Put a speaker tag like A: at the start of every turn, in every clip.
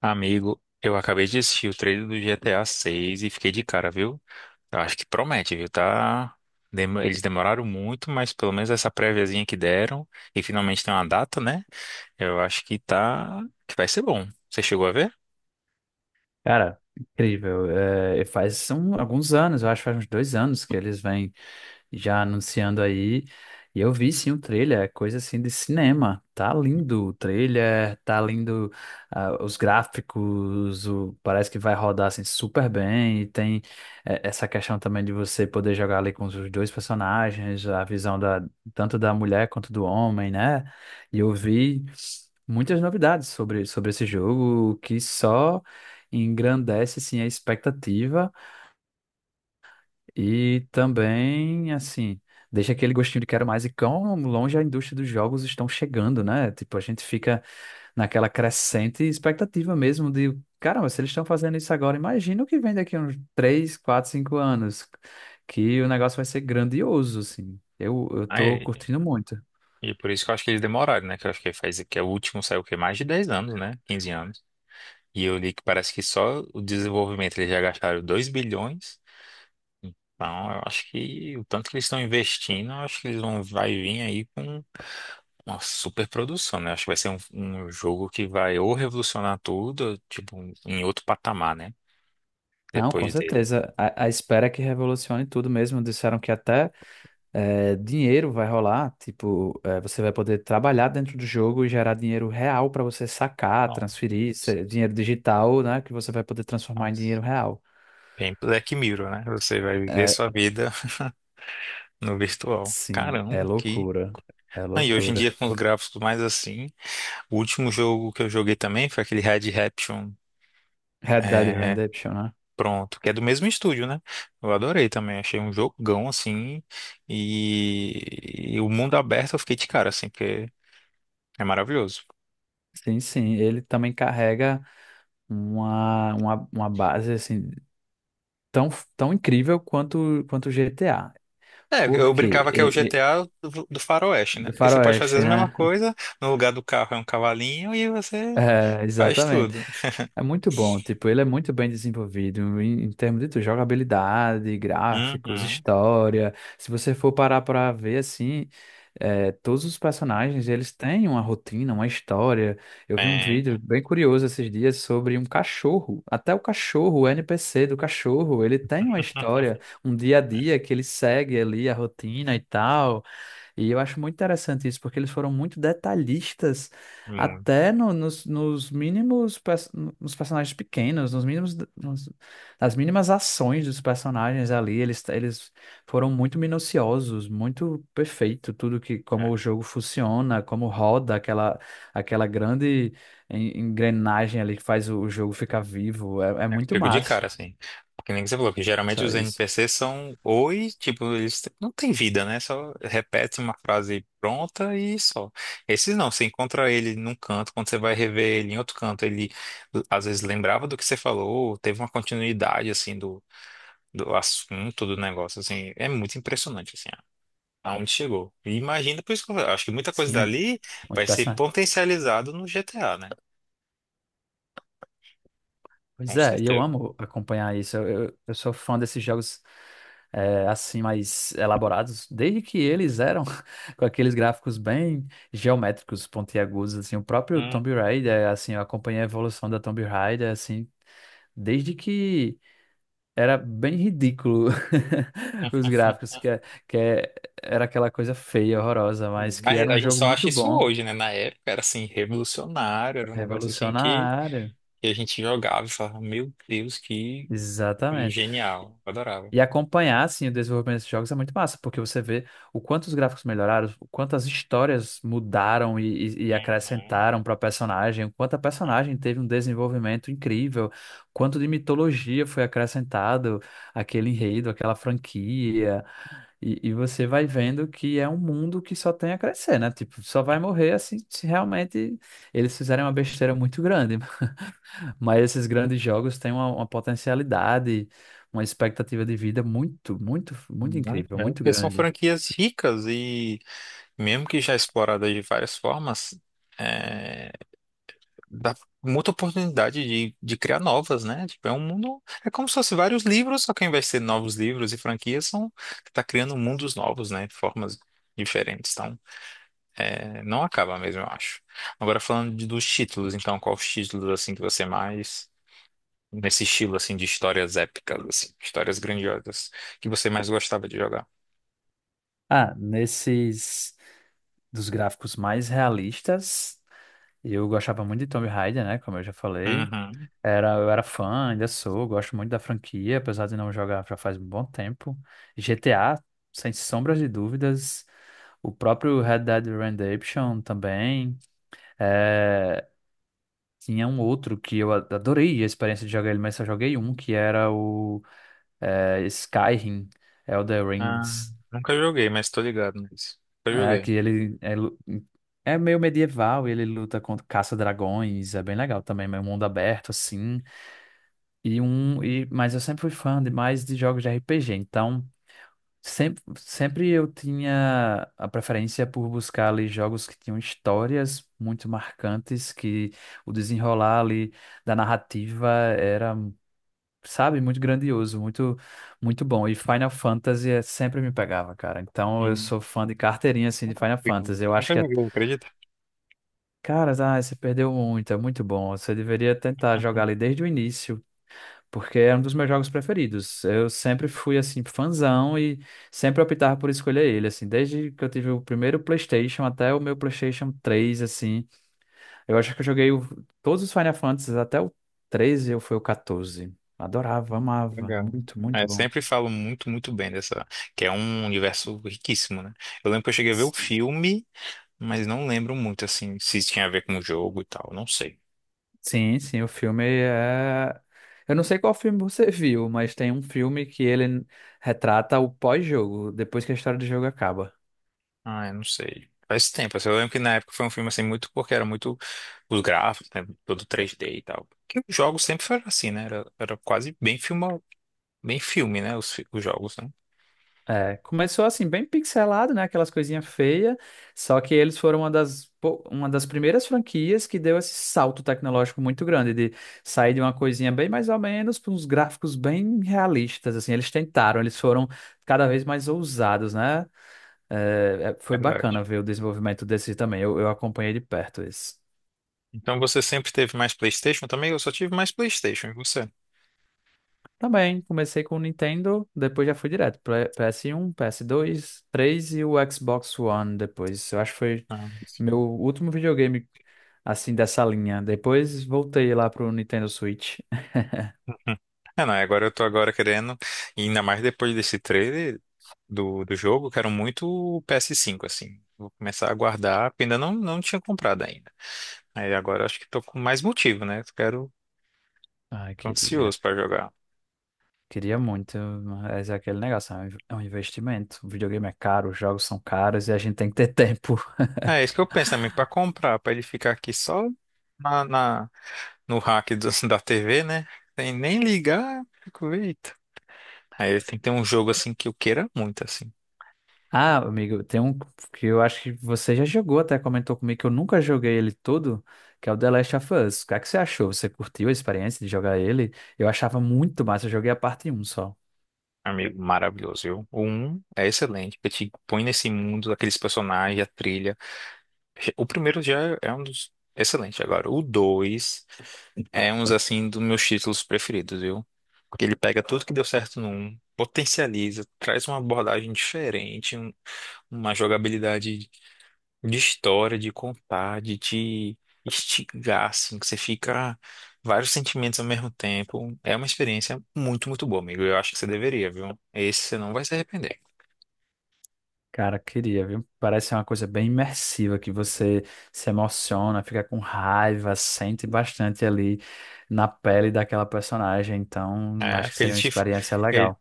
A: Amigo, eu acabei de assistir o trailer do GTA 6 e fiquei de cara, viu? Eu acho que promete, viu? Eles demoraram muito, mas pelo menos essa préviazinha que deram e finalmente tem uma data, né? Eu acho que vai ser bom. Você chegou a ver?
B: Cara, incrível. É, e alguns anos, eu acho que faz uns dois anos que eles vêm já anunciando aí. E eu vi sim o trailer, é coisa assim de cinema. Tá lindo o trailer, tá lindo os gráficos, parece que vai rodar assim super bem. E tem essa questão também de você poder jogar ali com os dois personagens, a visão da, tanto da mulher quanto do homem, né? E eu vi muitas novidades sobre esse jogo que só engrandece assim a expectativa. E também, assim, deixa aquele gostinho de quero mais e quão longe a indústria dos jogos estão chegando, né? Tipo, a gente fica naquela crescente expectativa mesmo de, caramba, se eles estão fazendo isso agora, imagina o que vem daqui a uns 3 4 5 anos, que o negócio vai ser grandioso, assim. Eu tô
A: Aí,
B: curtindo muito.
A: e por isso que eu acho que eles demoraram, né? Que eu acho que faz que é o último saiu o quê? Mais de 10 anos, né? 15 anos. E eu li que parece que só o desenvolvimento eles já gastaram 2 bilhões. Então, eu acho que o tanto que eles estão investindo, eu acho que eles vão vai vir aí com uma super produção, né? Acho que vai ser um jogo que vai ou revolucionar tudo, ou, tipo, em outro patamar, né?
B: Não, com
A: Depois dele.
B: certeza. A espera é que revolucione tudo mesmo. Disseram que até é, dinheiro vai rolar, tipo, é, você vai poder trabalhar dentro do jogo e gerar dinheiro real para você sacar,
A: Nossa,
B: transferir, dinheiro digital, né, que você vai poder transformar em
A: nossa.
B: dinheiro real.
A: Bem Black Mirror, né? Você vai viver
B: É,
A: sua vida no virtual.
B: sim, é
A: Caramba, que.
B: loucura. É
A: Ah, e hoje em
B: loucura.
A: dia, com os gráficos mais assim, o último jogo que eu joguei também foi aquele Red Redemption.
B: Red Dead Redemption, né?
A: Pronto, que é do mesmo estúdio, né? Eu adorei também, achei um jogão assim. E o mundo aberto eu fiquei de cara, assim, porque é maravilhoso.
B: Sim, sim, ele também carrega uma base assim tão, tão incrível quanto o GTA.
A: É,
B: Por
A: eu
B: quê?
A: brincava que é o GTA do Faroeste, né?
B: Do
A: Porque você pode fazer
B: Faroeste,
A: a mesma
B: né?
A: coisa, no lugar do carro é um cavalinho e você
B: É,
A: faz
B: exatamente.
A: tudo.
B: É muito bom, tipo, ele é muito bem desenvolvido em termos de tudo, jogabilidade, gráficos,
A: Uhum.
B: história. Se você for parar para ver assim, é, todos os personagens, eles têm uma rotina, uma história. Eu vi um vídeo
A: É.
B: bem curioso esses dias sobre um cachorro. Até o cachorro, o NPC do cachorro, ele tem uma história, um dia a dia que ele segue ali a rotina e tal. E eu acho muito interessante isso, porque eles foram muito detalhistas,
A: Muito.
B: até nos mínimos, nos personagens pequenos, nas mínimas ações dos personagens ali, eles foram muito minuciosos, muito perfeito, tudo que, como
A: É.
B: o jogo funciona, como roda aquela grande engrenagem ali que faz o jogo ficar vivo, é, é
A: É, eu
B: muito
A: fico de
B: massa
A: cara, assim. Porque nem que você falou, que geralmente os
B: isso.
A: NPCs são oi, tipo, eles não têm vida, né? Só repete uma frase pronta e só. Esses não, você encontra ele num canto, quando você vai rever ele em outro canto, ele às vezes lembrava do que você falou, teve uma continuidade, assim, do assunto do negócio, assim, é muito impressionante, assim, aonde chegou. E imagina, por isso que eu acho que muita coisa
B: Sim, é
A: dali
B: muito
A: vai ser
B: impressionante.
A: potencializado no GTA, né?
B: Pois
A: Com
B: é, e eu
A: certeza.
B: amo acompanhar isso. Eu sou fã desses jogos é, assim mais elaborados, desde que eles eram com aqueles gráficos bem geométricos, pontiagudos, assim, o próprio
A: Hum.
B: Tomb Raider, assim, eu acompanhei a evolução da Tomb Raider, assim, desde que era bem ridículo os gráficos, que é- era aquela coisa feia, horrorosa, mas que
A: Mas
B: era
A: a
B: um
A: gente
B: jogo
A: só acha
B: muito
A: isso
B: bom,
A: hoje, né? Na época era assim, revolucionário, era um negócio assim que,
B: revolucionário.
A: que a gente jogava e falava, meu Deus, que
B: Exatamente.
A: genial, adorava.
B: E acompanhar, assim, o desenvolvimento desses jogos é muito massa, porque você vê o quanto os gráficos melhoraram, o quanto as histórias mudaram e
A: Uhum.
B: acrescentaram para a personagem, o quanto a
A: É.
B: personagem teve um desenvolvimento incrível, o quanto de mitologia foi acrescentado àquele enredo, àquela franquia. E você vai vendo que é um mundo que só tem a crescer, né? Tipo, só vai morrer assim se realmente eles fizerem uma besteira muito grande. Mas esses grandes jogos têm uma potencialidade, uma expectativa de vida muito, muito, muito
A: Muito,
B: incrível,
A: é,
B: muito
A: porque são
B: grande.
A: franquias ricas e mesmo que já exploradas de várias formas, é, dá muita oportunidade de criar novas, né? Tipo, é um mundo. É como se fosse vários livros, só que ao invés de ser novos livros e franquias, são, tá criando mundos novos, né? De formas diferentes. Então, é, não acaba mesmo, eu acho. Agora, falando dos títulos, então, qual os títulos, assim, que você mais. Nesse estilo, assim, de histórias épicas, assim, histórias grandiosas, que você mais gostava de jogar?
B: Ah, nesses dos gráficos mais realistas, eu gostava muito de Tomb Raider, né? Como eu já falei.
A: Uhum.
B: Era, eu era fã, ainda sou, gosto muito da franquia, apesar de não jogar já faz um bom tempo. GTA, sem sombras de dúvidas. O próprio Red Dead Redemption também. É, tinha um outro que adorei a experiência de jogar ele, mas só joguei um, que era o é, Skyrim, Elder
A: Ah,
B: Rings.
A: nunca joguei, mas tô ligado nisso. Nunca
B: É,
A: joguei.
B: que ele é meio medieval, ele luta contra caça-dragões, é bem legal também, meio mundo aberto, assim. Mas eu sempre fui fã demais de jogos de RPG, então sempre, sempre eu tinha a preferência por buscar ali jogos que tinham histórias muito marcantes, que o desenrolar ali da narrativa era, sabe, muito grandioso, muito, muito bom. E Final Fantasy sempre me pegava, cara. Então eu
A: Hum,
B: sou fã de carteirinha, assim, de
A: Nunca
B: Final
A: joguei,
B: Fantasy. Eu acho
A: nunca
B: que é,
A: joguei, acredita?
B: cara, ah, você perdeu muito, é muito bom. Você deveria tentar jogar ali desde o início porque é um dos meus jogos preferidos. Eu sempre fui assim fãzão e sempre optava por escolher ele, assim, desde que eu tive o primeiro PlayStation até o meu PlayStation 3, assim. Eu acho que todos os Final Fantasies até o 13 ou foi o 14. Adorava, amava,
A: Legal.
B: muito, muito
A: É,
B: bom.
A: sempre falo muito, muito bem dessa, que é um universo riquíssimo, né? Eu lembro que eu cheguei a ver o
B: Sim,
A: filme, mas não lembro muito, assim, se tinha a ver com o jogo e tal, não sei.
B: sim, sim, o filme é. Eu não sei qual filme você viu, mas tem um filme que ele retrata o pós-jogo, depois que a história do jogo acaba.
A: Ah, eu não sei. Faz tempo, assim, eu lembro que na época foi um filme, assim, muito porque era muito os gráficos, né? Todo 3D e tal. Porque os jogos sempre foram assim, né? Era quase bem filme, né? Os, os jogos, né?
B: É, começou assim, bem pixelado, né? Aquelas coisinhas feias. Só que eles foram uma das, uma das primeiras franquias que deu esse salto tecnológico muito grande, de sair de uma coisinha bem mais ou menos para uns gráficos bem realistas, assim. Eles tentaram, eles foram cada vez mais ousados, né? É, é, foi
A: Verdade.
B: bacana ver o desenvolvimento desse também. Eu acompanhei de perto isso.
A: Então você sempre teve mais PlayStation também? Eu só tive mais PlayStation, e você?
B: Também, comecei com o Nintendo, depois já fui direto para PS1, PS2, 3 e o Xbox One depois. Eu acho que foi
A: Ah,
B: meu
A: sim.
B: último videogame assim dessa linha. Depois voltei lá pro Nintendo Switch.
A: Hum. É, não, agora eu tô agora querendo, e ainda mais depois desse trailer do jogo, eu quero muito o PS5, assim. Vou começar a guardar, porque ainda não tinha comprado ainda. Aí agora eu acho que tô com mais motivo, né? Eu quero,
B: Ai,
A: tô
B: queria.
A: ansioso pra jogar.
B: Queria muito, mas é aquele negócio, é um investimento. O videogame é caro, os jogos são caros e a gente tem que ter tempo.
A: É isso que eu penso também, pra comprar, pra ele ficar aqui só na, na- no rack da TV, né? Sem nem ligar, fico, eita. Aí tem que ter um jogo assim que eu queira muito, assim.
B: Ah, amigo, tem um que eu acho que você já jogou, até comentou comigo que eu nunca joguei ele todo, que é o The Last of Us. O que é que você achou? Você curtiu a experiência de jogar ele? Eu achava muito massa, eu joguei a parte um só.
A: Amigo, maravilhoso, viu? O um é excelente, porque te põe nesse mundo, aqueles personagens, a trilha. O primeiro já é um dos excelente agora. O 2 é um assim dos meus títulos preferidos, viu? Porque ele pega tudo que deu certo no um, potencializa, traz uma abordagem diferente, uma jogabilidade de história, de contar, de te instigar, assim, que você fica vários sentimentos ao mesmo tempo. É uma experiência muito, muito boa, amigo. Eu acho que você deveria, viu? Esse você não vai se arrepender.
B: Cara, queria, viu? Parece ser uma coisa bem imersiva, que você se emociona, fica com raiva, sente bastante ali na pele daquela personagem. Então,
A: É,
B: acho que
A: porque ele
B: seria uma
A: te,
B: experiência
A: ele,
B: legal.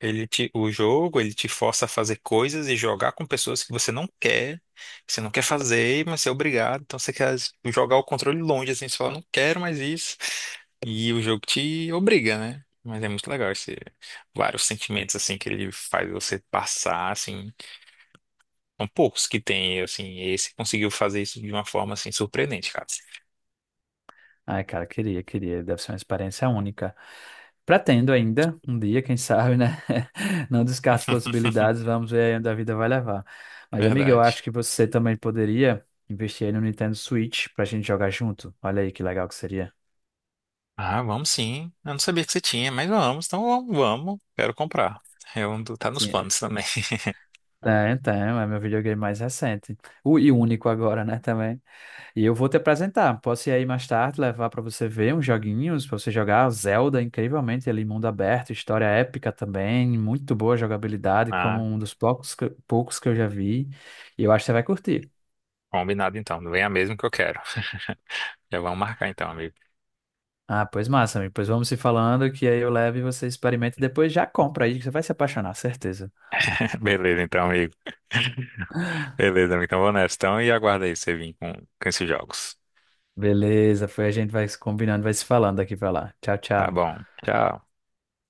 A: ele te, o jogo, ele te força a fazer coisas e jogar com pessoas que você não quer, que você não quer fazer, mas você é obrigado. Então você quer jogar o controle longe, assim, você fala, não quero mais isso. E o jogo te obriga, né? Mas é muito legal esse, vários sentimentos, assim, que ele faz você passar, assim. São poucos que tem, assim, esse conseguiu fazer isso de uma forma, assim, surpreendente, cara.
B: Ai, cara, queria, queria. Deve ser uma experiência única. Pretendo ainda, um dia, quem sabe, né? Não descarto possibilidades, vamos ver aí onde a vida vai levar. Mas, amiga, eu
A: Verdade.
B: acho que você também poderia investir aí no Nintendo Switch pra gente jogar junto. Olha aí que legal que seria.
A: Ah, vamos sim. Eu não sabia que você tinha, mas vamos, então vamos, vamos. Quero comprar. Eu, tá nos
B: Sim.
A: planos também.
B: É, então, é meu videogame mais recente. O, e único agora, né, também. E eu vou te apresentar. Posso ir aí mais tarde, levar para você ver uns joguinhos, para você jogar Zelda, incrivelmente ali, mundo aberto, história épica também, muito boa jogabilidade, como
A: Ah,
B: um dos poucos que eu já vi. E eu acho que você vai curtir.
A: combinado então. Não vem a mesmo que eu quero. Já vamos marcar então, amigo.
B: Ah, pois massa, amigo. Pois vamos se falando, que aí eu levo e você experimenta e depois já compra aí, que você vai se apaixonar, certeza.
A: Beleza, então, amigo. Beleza, amigo. Então vou nessa. Então, e aguarda aí você vir com esses jogos.
B: Beleza, foi a gente vai se combinando, vai se falando daqui para lá. Tchau,
A: Tá
B: tchau.
A: bom. Tchau.